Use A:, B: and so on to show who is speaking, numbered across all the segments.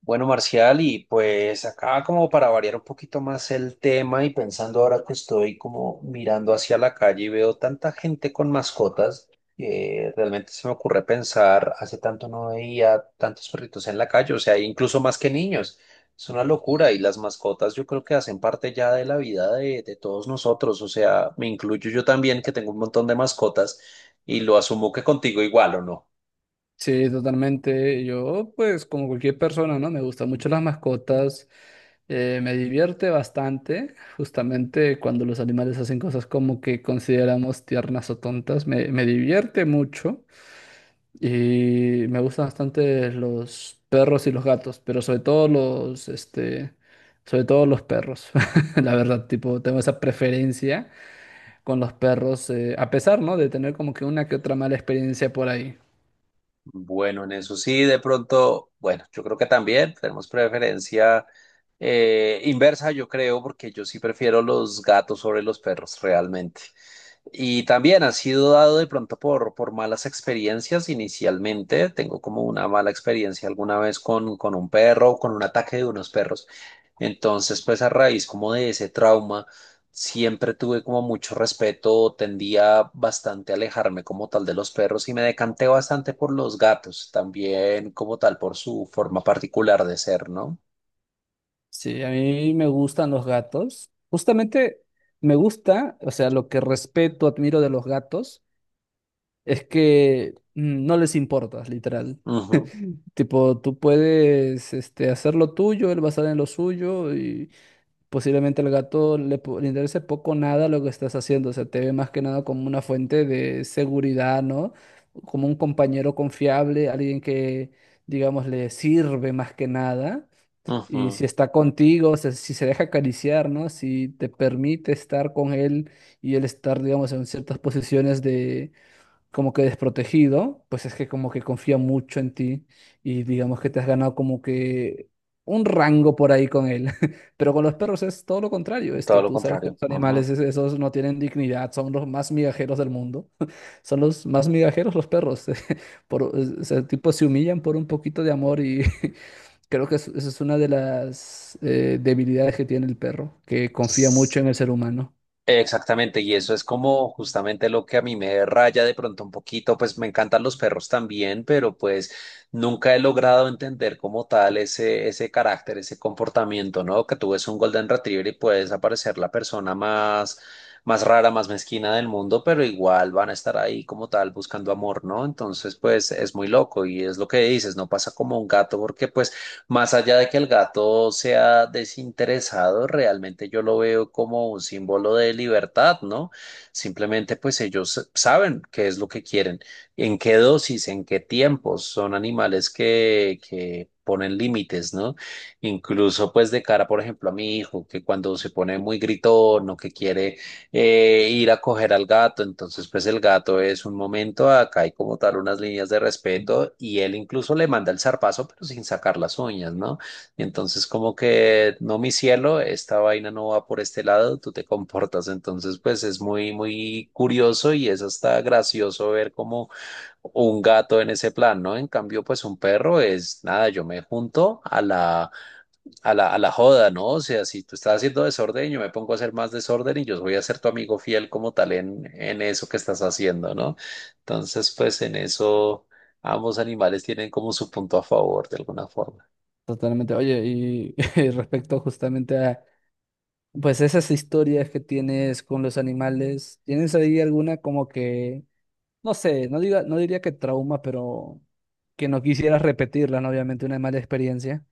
A: Bueno, Marcial, y pues acá como para variar un poquito más el tema y pensando ahora que estoy como mirando hacia la calle y veo tanta gente con mascotas, realmente se me ocurre pensar, hace tanto no veía tantos perritos en la calle, o sea, incluso más que niños. Es una locura y las mascotas yo creo que hacen parte ya de la vida de todos nosotros, o sea, me incluyo yo también que tengo un montón de mascotas y lo asumo que contigo igual, ¿o no?
B: Sí, totalmente. Yo, pues, como cualquier persona, ¿no? Me gustan mucho las mascotas. Me divierte bastante, justamente cuando los animales hacen cosas como que consideramos tiernas o tontas. Me divierte mucho y me gustan bastante los perros y los gatos, pero sobre todo sobre todo los perros. La verdad, tipo, tengo esa preferencia con los perros, a pesar, ¿no? De tener como que una que otra mala experiencia por ahí.
A: Bueno, en eso sí, de pronto, bueno, yo creo que también tenemos preferencia inversa, yo creo, porque yo sí prefiero los gatos sobre los perros, realmente. Y también ha sido dado de pronto por malas experiencias inicialmente. Tengo como una mala experiencia alguna vez con un perro, con un ataque de unos perros. Entonces, pues a raíz como de ese trauma, siempre tuve como mucho respeto, tendía bastante a alejarme como tal de los perros y me decanté bastante por los gatos, también como tal por su forma particular de ser, ¿no?
B: Sí, a mí me gustan los gatos. Justamente me gusta, o sea, lo que respeto, admiro de los gatos es que no les importas, literal.
A: Ujú.
B: Tipo, tú puedes hacer lo tuyo, él va a estar en lo suyo y posiblemente al gato le interese poco o nada lo que estás haciendo. O sea, te ve más que nada como una fuente de seguridad, ¿no? Como un compañero confiable, alguien que, digamos, le sirve más que nada. Y
A: Ujú.
B: si está contigo, si se deja acariciar, ¿no? Si te permite estar con él y él estar, digamos, en ciertas posiciones de como que desprotegido, pues es que como que confía mucho en ti y digamos que te has ganado como que un rango por ahí con él. Pero con los perros es todo lo contrario,
A: Todo
B: este,
A: lo
B: tú sabes que
A: contrario.
B: los
A: Ujú.
B: animales esos no tienen dignidad, son los más migajeros del mundo. Son los más migajeros los perros. Por, o sea, tipo se humillan por un poquito de amor y Creo que esa es una de las debilidades que tiene el perro, que confía mucho en el ser humano.
A: Exactamente, y eso es como justamente lo que a mí me raya de pronto un poquito, pues me encantan los perros también, pero pues nunca he logrado entender como tal ese, ese carácter, ese comportamiento, ¿no? Que tú ves un Golden Retriever y puedes aparecer la persona más, más rara, más mezquina del mundo, pero igual van a estar ahí como tal buscando amor, ¿no? Entonces, pues es muy loco y es lo que dices, no pasa como un gato porque pues más allá de que el gato sea desinteresado, realmente yo lo veo como un símbolo de libertad, ¿no? Simplemente pues ellos saben qué es lo que quieren, en qué dosis, en qué tiempos. Son animales que ponen límites, ¿no? Incluso pues de cara, por ejemplo, a mi hijo, que cuando se pone muy gritón o que quiere ir a coger al gato. Entonces, pues el gato es un momento, acá hay como tal unas líneas de respeto y él incluso le manda el zarpazo, pero sin sacar las uñas, ¿no? Y entonces como que, no, mi cielo, esta vaina no va por este lado, tú te comportas. Entonces, pues es muy, muy curioso y es hasta gracioso ver como un gato en ese plan, ¿no? En cambio, pues un perro es, nada, yo me junto a la joda, ¿no? O sea, si tú estás haciendo desorden, yo me pongo a hacer más desorden y yo voy a ser tu amigo fiel como tal en eso que estás haciendo, ¿no? Entonces, pues en eso ambos animales tienen como su punto a favor de alguna forma.
B: Totalmente. Oye, y, respecto justamente a, pues esas historias que tienes con los animales, ¿tienes ahí alguna como que, no sé, no diría que trauma, pero que no quisieras repetirla, ¿no? Obviamente una mala experiencia.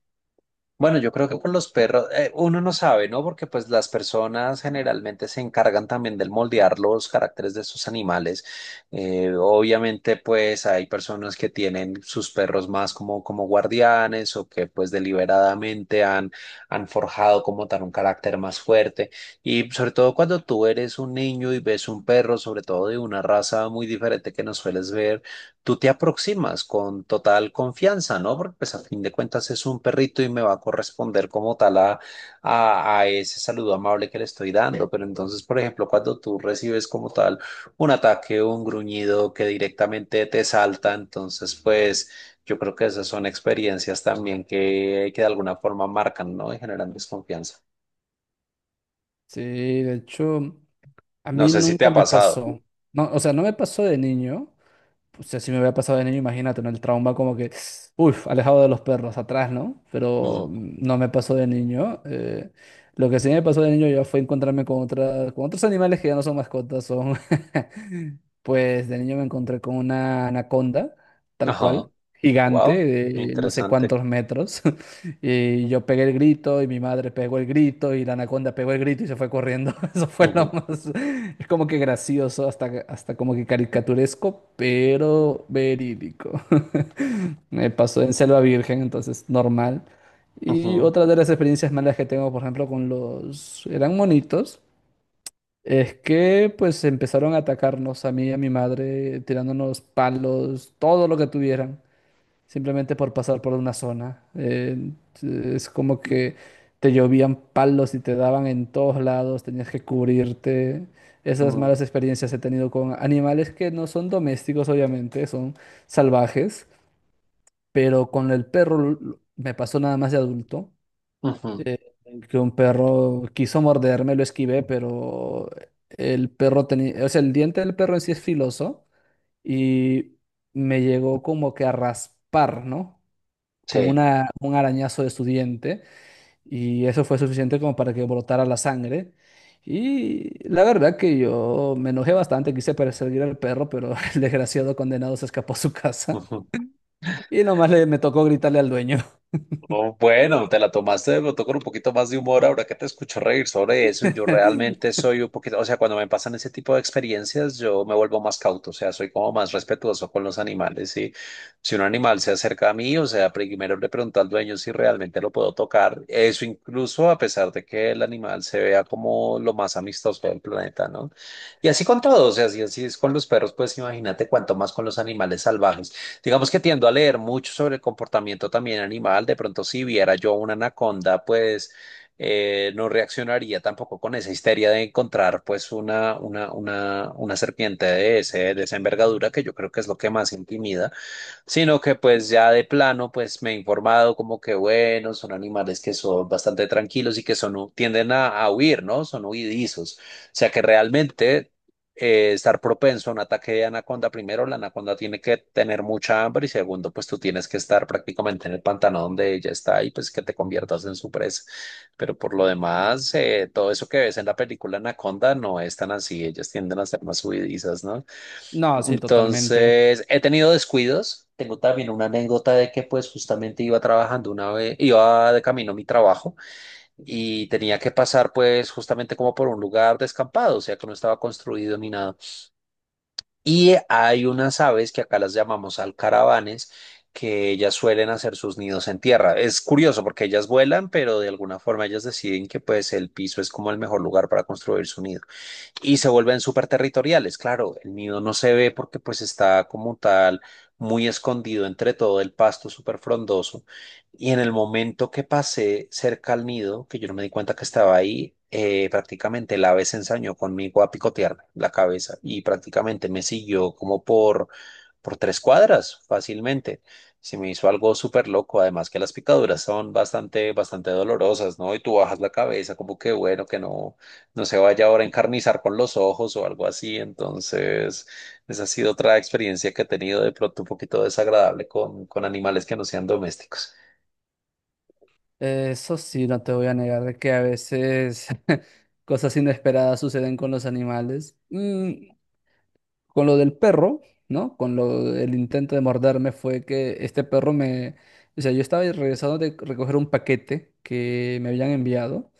A: Bueno, yo creo que con los perros, uno no sabe, ¿no? Porque pues las personas generalmente se encargan también del moldear los caracteres de sus animales. Obviamente pues hay personas que tienen sus perros más como, como guardianes o que pues deliberadamente han forjado como tal un carácter más fuerte. Y sobre todo cuando tú eres un niño y ves un perro, sobre todo de una raza muy diferente que no sueles ver, tú te aproximas con total confianza, ¿no? Porque pues a fin de cuentas es un perrito y me va a corresponder como tal a ese saludo amable que le estoy dando. Pero entonces, por ejemplo, cuando tú recibes como tal un ataque o un gruñido que directamente te salta, entonces pues yo creo que esas son experiencias también que de alguna forma marcan, ¿no? Y generan desconfianza.
B: Sí, de hecho, a
A: No
B: mí
A: sé si te
B: nunca
A: ha
B: me
A: pasado.
B: pasó. No, o sea, no me pasó de niño, o sea, si me hubiera pasado de niño, imagínate, ¿no? El trauma como que, uff, alejado de los perros, atrás, ¿no? Pero
A: Mm.
B: no me pasó de niño. Lo que sí me pasó de niño ya fue encontrarme con otra, con otros animales que ya no son mascotas, son... Pues de niño me encontré con una anaconda, tal
A: Ajá.
B: cual, gigante,
A: Wow.
B: de no sé
A: Interesante.
B: cuántos metros. Y yo pegué el grito y mi madre pegó el grito y la anaconda pegó el grito y se fue corriendo. Eso fue lo
A: Ujú.
B: más... Es como que gracioso, hasta, hasta como que caricaturesco, pero verídico. Me pasó en Selva Virgen, entonces normal. Y
A: Ujú.
B: otra de las experiencias malas que tengo, por ejemplo, con los... eran monitos, es que pues empezaron a atacarnos a mí y a mi madre, tirándonos palos, todo lo que tuvieran simplemente por pasar por una zona. Es como que te llovían palos y te daban en todos lados, tenías que cubrirte. Esas
A: Ujú.
B: malas experiencias he tenido con animales que no son domésticos, obviamente, son salvajes, pero con me pasó nada más de adulto,
A: Ujú.
B: eh, que un perro quiso morderme, lo esquivé, pero el perro tenía, o sea, el diente del perro en sí es filoso y me llegó como que a raspar, ¿no? Como
A: Sí.
B: una, un arañazo de su diente y eso fue suficiente como para que brotara la sangre. Y la verdad que yo me enojé bastante, quise perseguir al perro, pero el desgraciado condenado se escapó a su casa
A: Ujú.
B: y nomás me tocó gritarle al dueño.
A: Oh, bueno, te la tomaste de pronto con un poquito más de humor ahora que te escucho reír sobre eso. Yo realmente soy un poquito, o sea, cuando me pasan ese tipo de experiencias, yo me vuelvo más cauto, o sea, soy como más respetuoso con los animales. Y si un animal se acerca a mí, o sea, primero le pregunto al dueño si realmente lo puedo tocar. Eso incluso a pesar de que el animal se vea como lo más amistoso del planeta, ¿no? Y así con todo, o sea, si así es con los perros, pues imagínate cuánto más con los animales salvajes. Digamos que tiendo a leer mucho sobre el comportamiento también animal. De pronto, si viera yo una anaconda, pues no reaccionaría tampoco con esa histeria de encontrar pues una serpiente de ese, de esa envergadura, que yo creo que es lo que más intimida, sino que pues ya de plano pues me he informado como que bueno, son animales que son bastante tranquilos y que son, tienden a huir, ¿no? Son huidizos. O sea que realmente, estar propenso a un ataque de anaconda, primero la anaconda tiene que tener mucha hambre y segundo pues tú tienes que estar prácticamente en el pantano donde ella está y pues que te conviertas en su presa. Pero por lo demás, todo eso que ves en la película Anaconda no es tan así, ellas tienden a ser más huidizas, ¿no?
B: No, sí, totalmente.
A: Entonces, he tenido descuidos. Tengo también una anécdota de que pues justamente iba trabajando una vez, iba de camino a mi trabajo y tenía que pasar pues justamente como por un lugar descampado, o sea que no estaba construido ni nada. Y hay unas aves que acá las llamamos alcaravanes que ellas suelen hacer sus nidos en tierra. Es curioso porque ellas vuelan, pero de alguna forma ellas deciden que pues el piso es como el mejor lugar para construir su nido y se vuelven súper territoriales. Claro, el nido no se ve porque pues está como tal muy escondido entre todo el pasto súper frondoso. Y en el momento que pasé cerca al nido, que yo no me di cuenta que estaba ahí, prácticamente el ave se ensañó conmigo a picotearme la cabeza y prácticamente me siguió como por 3 cuadras fácilmente. Se me hizo algo súper loco, además que las picaduras son bastante, bastante dolorosas, ¿no? Y tú bajas la cabeza como que bueno, que no, no se vaya ahora a encarnizar con los ojos o algo así. Entonces, esa ha sido otra experiencia que he tenido de pronto un poquito desagradable con animales que no sean domésticos.
B: Eso sí, no te voy a negar de que a veces cosas inesperadas suceden con los animales. Con lo del perro, ¿no? Con lo el intento de morderme fue que o sea, yo estaba regresando de recoger un paquete que me habían enviado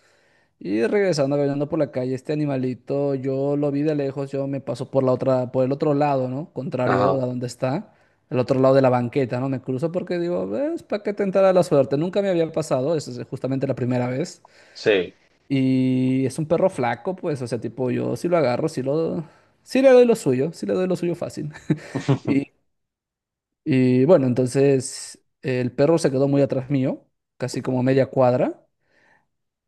B: y regresando caminando por la calle este animalito, yo lo vi de lejos, yo me paso por la otra por el otro lado, ¿no? Contrario
A: Ajá.
B: a donde está. El otro lado de la banqueta, ¿no? Me cruzo porque digo, es para que tentar la suerte. Nunca me había pasado, esa es justamente la primera vez.
A: Sí.
B: Y es un perro flaco, pues, o sea, tipo, yo si lo agarro, si lo, sí le doy lo suyo, sí le doy lo suyo fácil. Y, y bueno, entonces el perro se quedó muy atrás mío, casi como media cuadra,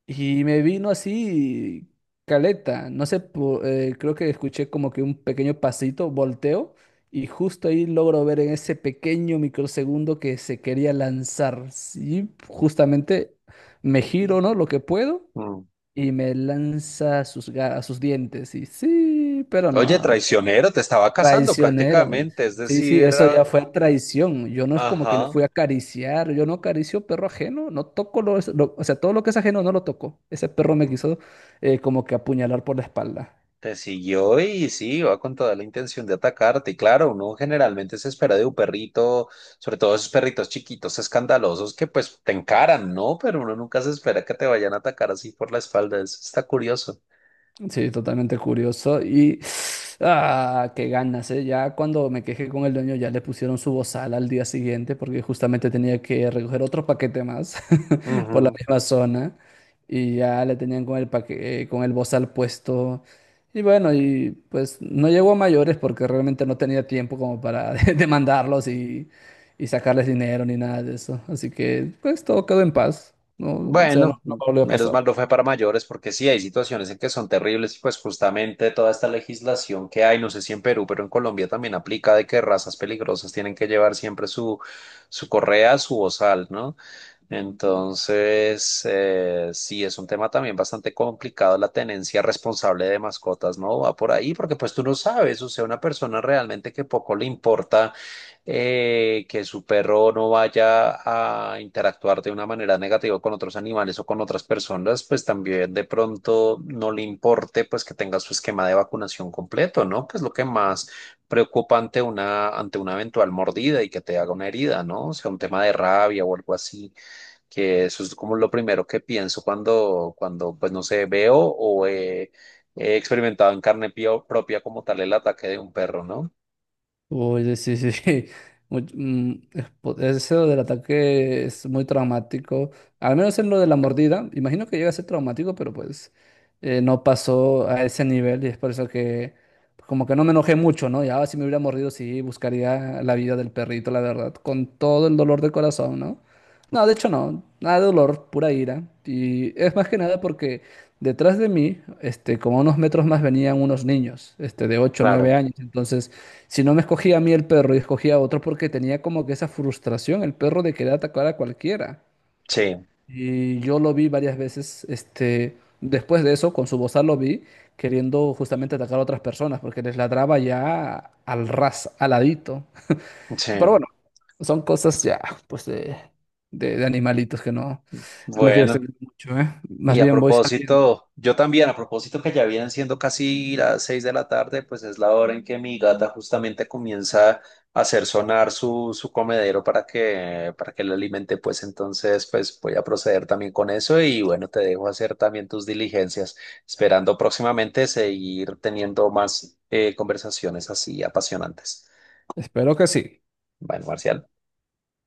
B: y me vino así caleta. No sé, creo que escuché como que un pequeño pasito, volteo, y justo ahí logro ver en ese pequeño microsegundo que se quería lanzar. Sí, justamente me giro, ¿no? Lo que puedo,
A: Mm.
B: y me lanza sus dientes. Y sí, pero
A: Oye,
B: no, no.
A: traicionero, te estaba casando
B: Traicionero.
A: prácticamente, es
B: Sí,
A: decir,
B: sí, eso
A: era...
B: ya fue traición. Yo no es como que lo
A: Ajá.
B: fui a acariciar. Yo no acaricio perro ajeno. No toco o sea, todo lo que es ajeno no lo toco. Ese perro me quiso como que apuñalar por la espalda.
A: Te siguió y sí, va con toda la intención de atacarte. Y claro, uno generalmente se espera de un perrito, sobre todo esos perritos chiquitos, escandalosos, que pues te encaran, ¿no? Pero uno nunca se espera que te vayan a atacar así por la espalda. Eso está curioso.
B: Sí, totalmente curioso. Y ah, qué ganas, ¿eh? Ya cuando me quejé con el dueño, ya le pusieron su bozal al día siguiente, porque justamente tenía que recoger otro paquete más por la
A: Ujú.
B: misma zona. Y ya le tenían con con el bozal puesto. Y bueno, y pues no llegó a mayores porque realmente no tenía tiempo como para demandarlos y sacarles dinero ni nada de eso. Así que pues todo quedó en paz. No, o sea, no,
A: Bueno,
B: no volvió a
A: menos mal
B: pasar.
A: no fue para mayores, porque sí hay situaciones en que son terribles y pues justamente toda esta legislación que hay, no sé si en Perú, pero en Colombia también aplica de que razas peligrosas tienen que llevar siempre su correa, su bozal, ¿no? Entonces, sí, es un tema también bastante complicado la tenencia responsable de mascotas, ¿no? Va por ahí porque pues tú no sabes, o sea, una persona realmente que poco le importa que su perro no vaya a interactuar de una manera negativa con otros animales o con otras personas, pues también de pronto no le importe pues que tenga su esquema de vacunación completo, ¿no? Que es lo que más preocupa ante una eventual mordida y que te haga una herida, ¿no? O sea, un tema de rabia o algo así, que eso es como lo primero que pienso cuando, cuando pues no sé, veo o he experimentado en carne propia como tal el ataque de un perro, ¿no?
B: Oye sí, sí, sí. Es eso del ataque es muy traumático. Al menos en lo de la mordida. Imagino que llega a ser traumático, pero pues no pasó a ese nivel y es por eso que pues, como que no me enojé mucho, ¿no? Ya si me hubiera mordido, sí, buscaría la vida del perrito, la verdad. Con todo el dolor de corazón, ¿no? No, de hecho no. Nada de dolor, pura ira. Y es más que nada porque detrás de mí, este, como a unos metros más venían unos niños, este, de ocho o
A: Claro,
B: 9 años. Entonces... Si no me escogía a mí el perro y escogía a otro porque tenía como que esa frustración, el perro de querer atacar a cualquiera.
A: sí,
B: Y yo lo vi varias veces, este, después de eso, con su bozal lo vi queriendo justamente atacar a otras personas porque les ladraba ya al ras, aladito. Pero
A: sí.
B: bueno, son cosas ya, pues de, de animalitos que no, no me quiero
A: Bueno,
B: extender mucho, ¿eh?
A: y
B: Más
A: a
B: bien voy saliendo.
A: propósito, yo también, a propósito que ya vienen siendo casi las 6 de la tarde, pues es la hora en que mi gata justamente comienza a hacer sonar su comedero para que le alimente, pues entonces, pues voy a proceder también con eso y bueno, te dejo hacer también tus diligencias, esperando próximamente seguir teniendo más conversaciones así apasionantes.
B: Espero que sí.
A: Bueno, Marcial.